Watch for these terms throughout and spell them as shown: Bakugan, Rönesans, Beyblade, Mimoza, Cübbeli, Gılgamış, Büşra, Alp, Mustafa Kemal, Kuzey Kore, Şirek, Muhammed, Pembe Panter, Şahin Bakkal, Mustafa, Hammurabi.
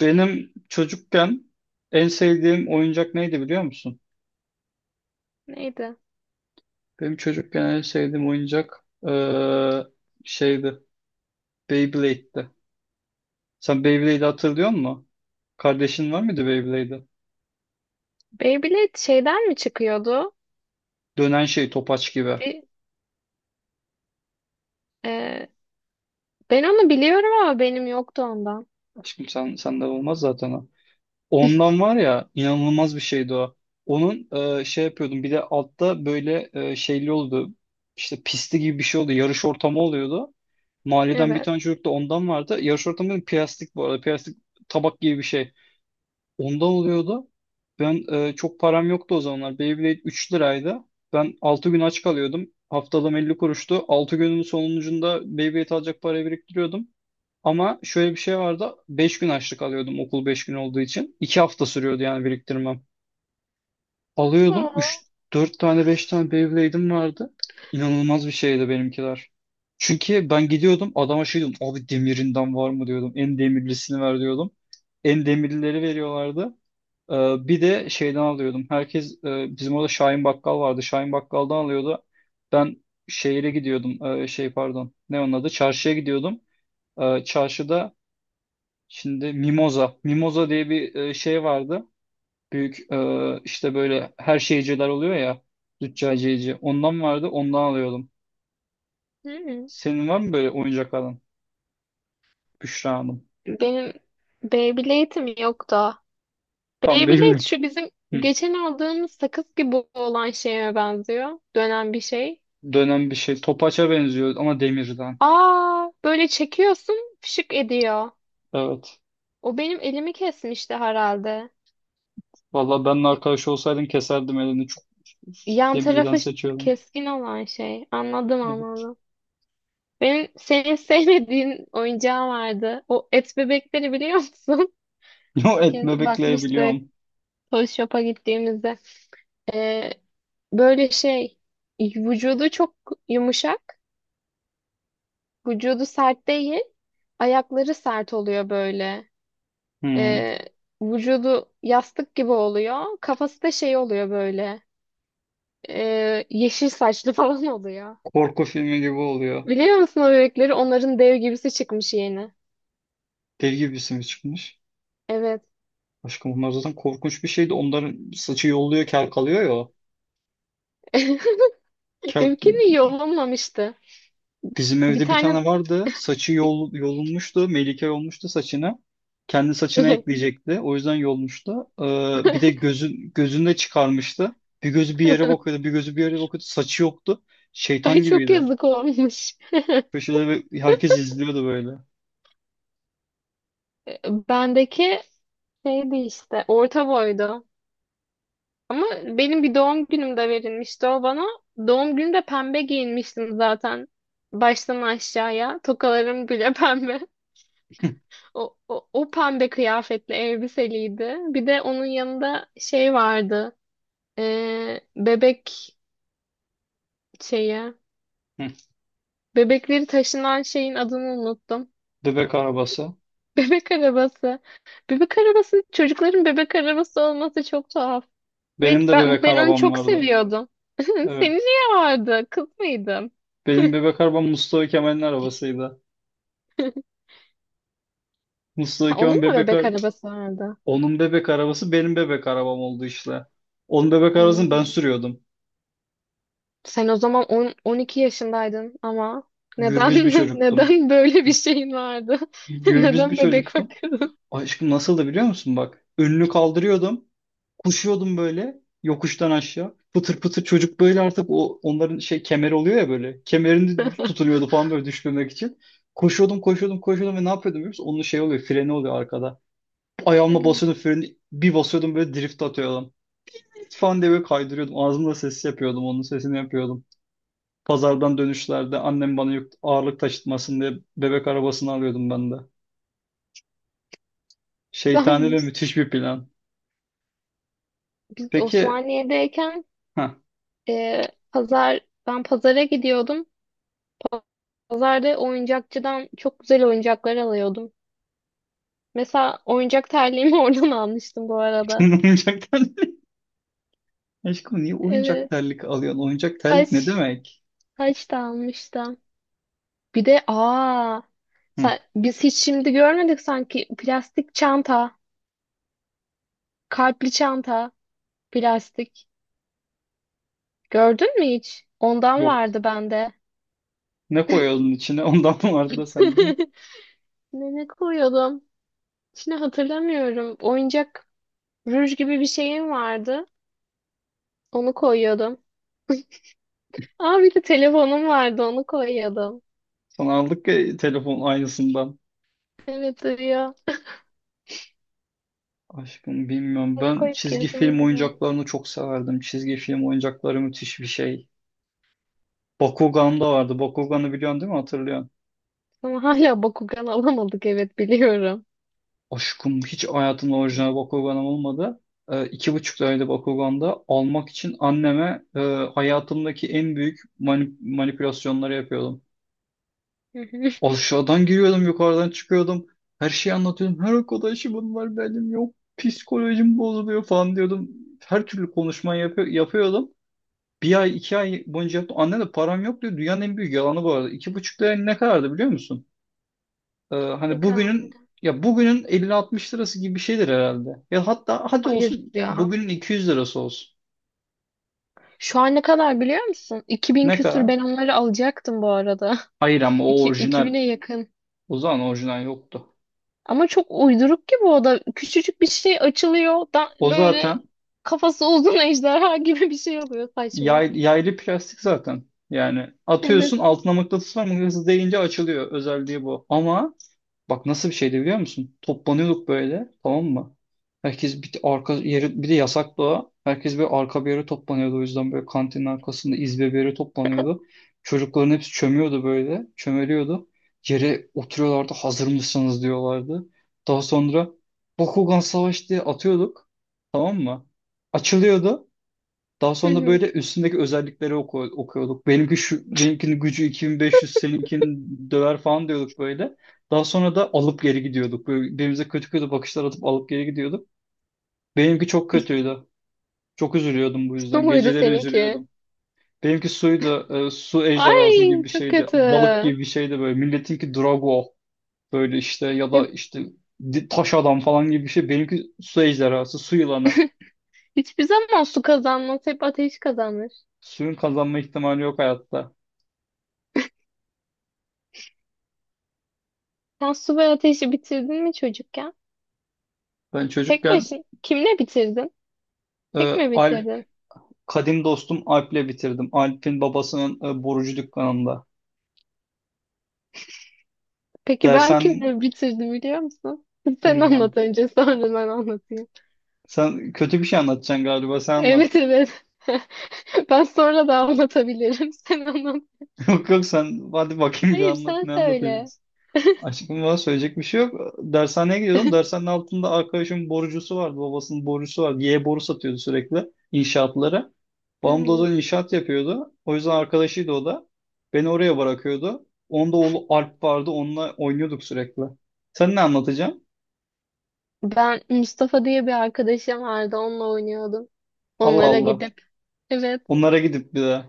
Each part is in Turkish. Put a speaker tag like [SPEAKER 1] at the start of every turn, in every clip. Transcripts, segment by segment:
[SPEAKER 1] Benim çocukken en sevdiğim oyuncak neydi biliyor musun?
[SPEAKER 2] Neydi?
[SPEAKER 1] Benim çocukken en sevdiğim oyuncak şeydi. Beyblade'di. Sen Beyblade'i hatırlıyor musun? Kardeşin var mıydı Beyblade'de?
[SPEAKER 2] Beyblade şeyden mi çıkıyordu?
[SPEAKER 1] Dönen şey topaç gibi.
[SPEAKER 2] Bir, e, ben onu biliyorum ama benim yoktu ondan.
[SPEAKER 1] Aşkım sen senden olmaz zaten o. Ondan var ya inanılmaz bir şeydi o. Onun şey yapıyordum, bir de altta böyle şeyli oldu. İşte pisti gibi bir şey oldu. Yarış ortamı oluyordu. Mahalleden bir
[SPEAKER 2] Evet.
[SPEAKER 1] tane çocuk da ondan vardı. Yarış ortamında plastik bu arada. Plastik tabak gibi bir şey. Ondan oluyordu. Ben çok param yoktu o zamanlar. Beyblade 3 liraydı. Ben 6 gün aç kalıyordum. Haftalığım 50 kuruştu. 6 günün sonucunda Beyblade alacak parayı biriktiriyordum. Ama şöyle bir şey vardı. 5 gün açlık alıyordum, okul 5 gün olduğu için. 2 hafta sürüyordu yani biriktirmem. Alıyordum.
[SPEAKER 2] Aa.
[SPEAKER 1] Üç 4 tane, 5 tane Beyblade'im vardı. İnanılmaz bir şeydi benimkiler. Çünkü ben gidiyordum adama şey diyordum. Abi demirinden var mı diyordum. En demirlisini ver diyordum. En demirlileri veriyorlardı. Bir de şeyden alıyordum. Herkes bizim orada Şahin Bakkal vardı. Şahin Bakkal'dan alıyordu. Ben şehire gidiyordum. Şey pardon. Ne onun adı? Çarşıya gidiyordum. Çarşıda şimdi Mimoza. Mimoza diye bir şey vardı, büyük, işte böyle her şeyciler oluyor ya, züccaciyeci. Ondan vardı, ondan alıyordum.
[SPEAKER 2] Hı-hı.
[SPEAKER 1] Senin var mı böyle oyuncak alan? Büşra Hanım.
[SPEAKER 2] Benim Beyblade'im yoktu.
[SPEAKER 1] Tam
[SPEAKER 2] Beyblade
[SPEAKER 1] Beyblade.
[SPEAKER 2] şu bizim
[SPEAKER 1] Hı.
[SPEAKER 2] geçen aldığımız sakız gibi olan şeye benziyor. Dönen bir şey.
[SPEAKER 1] Dönen bir şey. Topaça benziyor ama demirden.
[SPEAKER 2] Aa, böyle çekiyorsun, fışık ediyor.
[SPEAKER 1] Evet.
[SPEAKER 2] O benim elimi kesmişti herhalde.
[SPEAKER 1] Valla ben
[SPEAKER 2] Y-
[SPEAKER 1] arkadaş olsaydım keserdim elini. Çok
[SPEAKER 2] Yan
[SPEAKER 1] demirden
[SPEAKER 2] tarafı
[SPEAKER 1] seçiyordum.
[SPEAKER 2] keskin olan şey. Anladım
[SPEAKER 1] Evet.
[SPEAKER 2] anladım. Benim senin sevmediğin oyuncağım vardı. O et bebekleri biliyor musun?
[SPEAKER 1] Yo,
[SPEAKER 2] Bir
[SPEAKER 1] et
[SPEAKER 2] kez
[SPEAKER 1] bebekleri
[SPEAKER 2] bakmıştık
[SPEAKER 1] biliyorum.
[SPEAKER 2] Toy Shop'a gittiğimizde. Ee, böyle şey vücudu çok yumuşak. Vücudu sert değil. Ayakları sert oluyor böyle.
[SPEAKER 1] Hmm.
[SPEAKER 2] Ee, vücudu yastık gibi oluyor. Kafası da şey oluyor böyle. Yeşil saçlı falan oluyor.
[SPEAKER 1] Korku filmi gibi oluyor.
[SPEAKER 2] Biliyor musun o bebekleri? Onların dev gibisi çıkmış yeni.
[SPEAKER 1] Deli gibi bir sinir çıkmış.
[SPEAKER 2] Evet.
[SPEAKER 1] Aşkım onlar zaten korkunç bir şeydi. Onların saçı yolluyor, kel kalıyor ya. O. Kel
[SPEAKER 2] Benimkini iyi olamamıştı.
[SPEAKER 1] bizim
[SPEAKER 2] Bir
[SPEAKER 1] evde bir
[SPEAKER 2] tane.
[SPEAKER 1] tane vardı. Saçı yolunmuştu. Melike yolmuştu saçına. Kendi saçına ekleyecekti. O yüzden yolmuştu. Bir de gözünü de çıkarmıştı. Bir gözü bir yere bakıyordu. Bir gözü bir yere bakıyordu. Saçı yoktu.
[SPEAKER 2] Ay
[SPEAKER 1] Şeytan
[SPEAKER 2] çok
[SPEAKER 1] gibiydi.
[SPEAKER 2] yazık olmuş.
[SPEAKER 1] Köşede ve herkes izliyordu böyle.
[SPEAKER 2] Bendeki şeydi işte orta boydu. Ama benim bir doğum günümde verilmişti o bana. Doğum günümde pembe giyinmiştim zaten. Baştan aşağıya. Tokalarım bile pembe. O pembe kıyafetli elbiseliydi. Bir de onun yanında şey vardı. Bebek şeyi.
[SPEAKER 1] Hı.
[SPEAKER 2] Bebekleri taşınan şeyin adını unuttum.
[SPEAKER 1] Bebek arabası.
[SPEAKER 2] Bebek arabası. Bebek arabası, çocukların bebek arabası olması çok tuhaf. Ve
[SPEAKER 1] Benim de
[SPEAKER 2] ben,
[SPEAKER 1] bebek
[SPEAKER 2] ben onu
[SPEAKER 1] arabam
[SPEAKER 2] çok
[SPEAKER 1] vardı.
[SPEAKER 2] seviyordum. Senin
[SPEAKER 1] Evet.
[SPEAKER 2] niye vardı? Kız mıydın?
[SPEAKER 1] Benim bebek arabam Mustafa Kemal'in arabasıydı.
[SPEAKER 2] Ha,
[SPEAKER 1] Mustafa
[SPEAKER 2] onun
[SPEAKER 1] Kemal
[SPEAKER 2] mu
[SPEAKER 1] bebek
[SPEAKER 2] bebek
[SPEAKER 1] ar-
[SPEAKER 2] arabası vardı?
[SPEAKER 1] Onun bebek arabası benim bebek arabam oldu işte. Onun bebek arabasını ben
[SPEAKER 2] Hmm.
[SPEAKER 1] sürüyordum.
[SPEAKER 2] Sen o zaman on on iki yaşındaydın ama neden
[SPEAKER 1] Gürbüz bir çocuktum.
[SPEAKER 2] neden böyle bir şeyin vardı?
[SPEAKER 1] Gürbüz
[SPEAKER 2] Neden
[SPEAKER 1] bir
[SPEAKER 2] bebek
[SPEAKER 1] çocuktum.
[SPEAKER 2] bakıyordun?
[SPEAKER 1] Aşkım nasıldı biliyor musun bak. Önünü kaldırıyordum. Koşuyordum böyle yokuştan aşağı. Pıtır pıtır çocuk böyle, artık o onların şey kemer oluyor ya böyle. Kemerini tutuluyordu falan böyle düşmemek için. Koşuyordum, koşuyordum, koşuyordum ve ne yapıyordum biliyor musun? Onun şey oluyor, freni oluyor arkada. Ayağımla basıyordum freni, bir basıyordum böyle drift atıyordum. Falan diye böyle kaydırıyordum. Ağzımda ses yapıyordum, onun sesini yapıyordum. Pazardan dönüşlerde annem bana ağırlık taşıtmasın diye bebek arabasını alıyordum ben de. Şeytani ve
[SPEAKER 2] Biz
[SPEAKER 1] müthiş bir plan. Peki
[SPEAKER 2] Osmaniye'deyken
[SPEAKER 1] ha.
[SPEAKER 2] e, pazar ben pazara gidiyordum. Pazarda oyuncakçıdan çok güzel oyuncaklar alıyordum. Mesela oyuncak terliğimi oradan almıştım bu arada.
[SPEAKER 1] Senin oyuncak terlik. Aşkım niye
[SPEAKER 2] Evet.
[SPEAKER 1] oyuncak terlik alıyorsun? Oyuncak terlik ne
[SPEAKER 2] Taş,
[SPEAKER 1] demek?
[SPEAKER 2] taş da almıştım. Bir de
[SPEAKER 1] Hı,
[SPEAKER 2] biz hiç şimdi görmedik sanki plastik çanta, kalpli çanta, plastik. Gördün mü hiç? Ondan
[SPEAKER 1] yok.
[SPEAKER 2] vardı bende.
[SPEAKER 1] Ne koyalım içine? Ondan vardı da sende.
[SPEAKER 2] Ne koyuyordum? Şimdi hatırlamıyorum. Oyuncak ruj gibi bir şeyim vardı. Onu koyuyordum. Aa, bir de telefonum vardı, onu koyuyordum.
[SPEAKER 1] Sana aldık ya telefon aynısından.
[SPEAKER 2] Evet ya.
[SPEAKER 1] Aşkım bilmiyorum. Ben
[SPEAKER 2] Koyup
[SPEAKER 1] çizgi
[SPEAKER 2] gezen
[SPEAKER 1] film
[SPEAKER 2] gibi oldu.
[SPEAKER 1] oyuncaklarını çok severdim. Çizgi film oyuncakları müthiş bir şey. Bakugan da vardı. Bakugan'ı biliyorsun değil mi? Hatırlıyorsun.
[SPEAKER 2] Ama hala Bakugan alamadık, evet biliyorum.
[SPEAKER 1] Aşkım hiç hayatımda orijinal Bakugan'ım olmadı. 2,5 tane Bakugan'da almak için anneme hayatımdaki en büyük manipülasyonları yapıyordum.
[SPEAKER 2] Hı hı.
[SPEAKER 1] Aşağıdan giriyordum, yukarıdan çıkıyordum. Her şeyi anlatıyordum. Her arkadaşımın var, benim yok. Psikolojim bozuluyor falan diyordum. Her türlü konuşma yapıyordum. 1 ay, 2 ay boyunca yaptım. Anne de param yok diyor. Dünyanın en büyük yalanı bu arada. 2,5 lira ne kadardı biliyor musun?
[SPEAKER 2] Ne
[SPEAKER 1] Hani
[SPEAKER 2] kadar?
[SPEAKER 1] bugünün, ya bugünün 50-60 lirası gibi bir şeydir herhalde. Ya hatta hadi
[SPEAKER 2] Hayır
[SPEAKER 1] olsun,
[SPEAKER 2] ya.
[SPEAKER 1] bugünün 200 lirası olsun.
[SPEAKER 2] Şu an ne kadar biliyor musun? 2000
[SPEAKER 1] Ne
[SPEAKER 2] küsür
[SPEAKER 1] kadar?
[SPEAKER 2] ben onları alacaktım bu arada.
[SPEAKER 1] Hayır ama o orijinal.
[SPEAKER 2] 2000'e yakın.
[SPEAKER 1] O zaman orijinal yoktu.
[SPEAKER 2] Ama çok uyduruk ki bu da. Küçücük bir şey açılıyor. Da
[SPEAKER 1] O
[SPEAKER 2] böyle
[SPEAKER 1] zaten
[SPEAKER 2] kafası uzun ejderha gibi bir şey oluyor, saçma.
[SPEAKER 1] yaylı plastik zaten. Yani
[SPEAKER 2] Evet.
[SPEAKER 1] atıyorsun altına, mıknatıs var, mıknatıs değince açılıyor. Özelliği bu. Ama bak nasıl bir şeydi biliyor musun? Toplanıyorduk böyle, tamam mı? Herkes bir arka yeri, bir de yasaktı o. Herkes böyle arka bir yere toplanıyordu. O yüzden böyle kantinin arkasında izbe bir yere toplanıyordu. Çocukların hepsi çömüyordu böyle. Çömeliyordu. Yere oturuyorlardı. Hazır mısınız diyorlardı. Daha sonra Bakugan Savaş diye atıyorduk. Tamam mı? Açılıyordu. Daha
[SPEAKER 2] Hı
[SPEAKER 1] sonra
[SPEAKER 2] hı.
[SPEAKER 1] böyle üstündeki özellikleri okuyorduk. Benimki şu, benimkinin gücü 2500, seninkinin döver falan diyorduk böyle. Daha sonra da alıp geri gidiyorduk. Böyle birbirimize kötü kötü bakışlar atıp alıp geri gidiyorduk. Benimki çok kötüydü. Çok üzülüyordum bu
[SPEAKER 2] Su
[SPEAKER 1] yüzden.
[SPEAKER 2] muydu
[SPEAKER 1] Geceleri
[SPEAKER 2] seninki?
[SPEAKER 1] üzülüyordum. Benimki suydu. Su ejderhası
[SPEAKER 2] Ay
[SPEAKER 1] gibi bir
[SPEAKER 2] çok
[SPEAKER 1] şeydi.
[SPEAKER 2] kötü.
[SPEAKER 1] Balık gibi bir şeydi böyle. Milletinki Drago. Böyle işte, ya da
[SPEAKER 2] Hep
[SPEAKER 1] işte taş adam falan gibi bir şey. Benimki su ejderhası, su yılanı.
[SPEAKER 2] Hiçbir zaman su kazanmaz. Hep ateş kazanır.
[SPEAKER 1] Suyun kazanma ihtimali yok hayatta.
[SPEAKER 2] Sen su ve ateşi bitirdin mi çocukken?
[SPEAKER 1] Ben
[SPEAKER 2] Tek
[SPEAKER 1] çocukken
[SPEAKER 2] başına. Kimle bitirdin?
[SPEAKER 1] e,
[SPEAKER 2] Tek mi bitirdin?
[SPEAKER 1] kadim dostum Alp'le bitirdim. Alp'in babasının borucu dükkanında.
[SPEAKER 2] Peki ben
[SPEAKER 1] Dersen
[SPEAKER 2] kimle bitirdim biliyor musun? Sen anlat
[SPEAKER 1] bilmiyorum.
[SPEAKER 2] önce, sonra ben anlatayım.
[SPEAKER 1] Sen kötü bir şey anlatacaksın galiba. Sen anlat.
[SPEAKER 2] Evet, evet. Ben sonra da anlatabilirim. Sen anlat.
[SPEAKER 1] Yok yok, sen hadi bakayım bir
[SPEAKER 2] Hayır,
[SPEAKER 1] anlat.
[SPEAKER 2] sen
[SPEAKER 1] Ne
[SPEAKER 2] söyle.
[SPEAKER 1] anlatacaksın? Aşkım bana söyleyecek bir şey yok. Dershaneye gidiyordum. Dershanenin altında arkadaşımın borucusu vardı. Babasının borucusu vardı. Y boru satıyordu sürekli inşaatlara. Babam da o
[SPEAKER 2] Hmm.
[SPEAKER 1] zaman inşaat yapıyordu. O yüzden arkadaşıydı o da. Beni oraya bırakıyordu. Onda oğlu Alp vardı. Onunla oynuyorduk sürekli. Sen ne anlatacaksın?
[SPEAKER 2] Ben Mustafa diye bir arkadaşım vardı. Onunla oynuyordum.
[SPEAKER 1] Allah
[SPEAKER 2] Onlara
[SPEAKER 1] Allah.
[SPEAKER 2] gidip. Evet,
[SPEAKER 1] Onlara gidip bir de.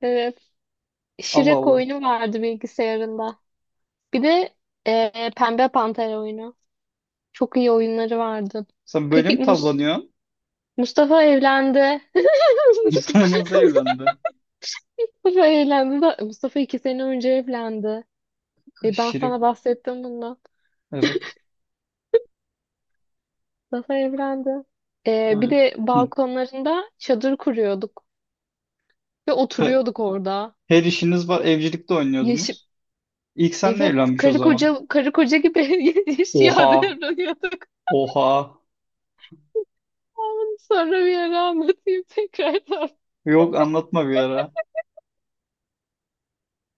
[SPEAKER 2] evet.
[SPEAKER 1] Allah
[SPEAKER 2] Şirek
[SPEAKER 1] Allah.
[SPEAKER 2] oyunu vardı bilgisayarında. Bir de Pembe Panter oyunu. Çok iyi oyunları vardı.
[SPEAKER 1] Sen böyle
[SPEAKER 2] Peki
[SPEAKER 1] mi tavlanıyorsun?
[SPEAKER 2] Mustafa evlendi.
[SPEAKER 1] İnsan nasıl evlendi?
[SPEAKER 2] Mustafa evlendi. Mustafa iki sene önce evlendi. Ben sana
[SPEAKER 1] Şirin.
[SPEAKER 2] bahsettim bundan.
[SPEAKER 1] Evet.
[SPEAKER 2] Mustafa evlendi. Bir
[SPEAKER 1] Evet.
[SPEAKER 2] de
[SPEAKER 1] Hı.
[SPEAKER 2] balkonlarında çadır kuruyorduk ve
[SPEAKER 1] He-
[SPEAKER 2] oturuyorduk orada.
[SPEAKER 1] her işiniz var. Evcilikte
[SPEAKER 2] Yaşı
[SPEAKER 1] oynuyordunuz. İlk senle
[SPEAKER 2] evet,
[SPEAKER 1] evlenmiş o
[SPEAKER 2] karı
[SPEAKER 1] zaman.
[SPEAKER 2] koca karı koca gibi yaşıyor
[SPEAKER 1] Oha.
[SPEAKER 2] davranıyorduk.
[SPEAKER 1] Oha.
[SPEAKER 2] Ama sonra bir ara anlatayım tekrardan.
[SPEAKER 1] Yok, anlatma bir ara.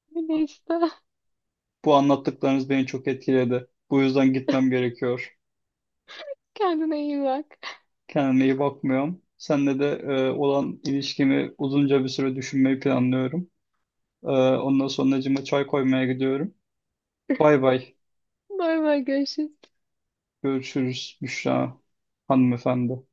[SPEAKER 2] Neyse,
[SPEAKER 1] Bu anlattıklarınız beni çok etkiledi. Bu yüzden gitmem gerekiyor.
[SPEAKER 2] kendine iyi bak.
[SPEAKER 1] Kendime iyi bakmıyorum. Seninle de olan ilişkimi uzunca bir süre düşünmeyi planlıyorum. E, ondan sonra çay koymaya gidiyorum. Bay bay.
[SPEAKER 2] Bay bay, görüşürüz.
[SPEAKER 1] Görüşürüz Büşra hanımefendi.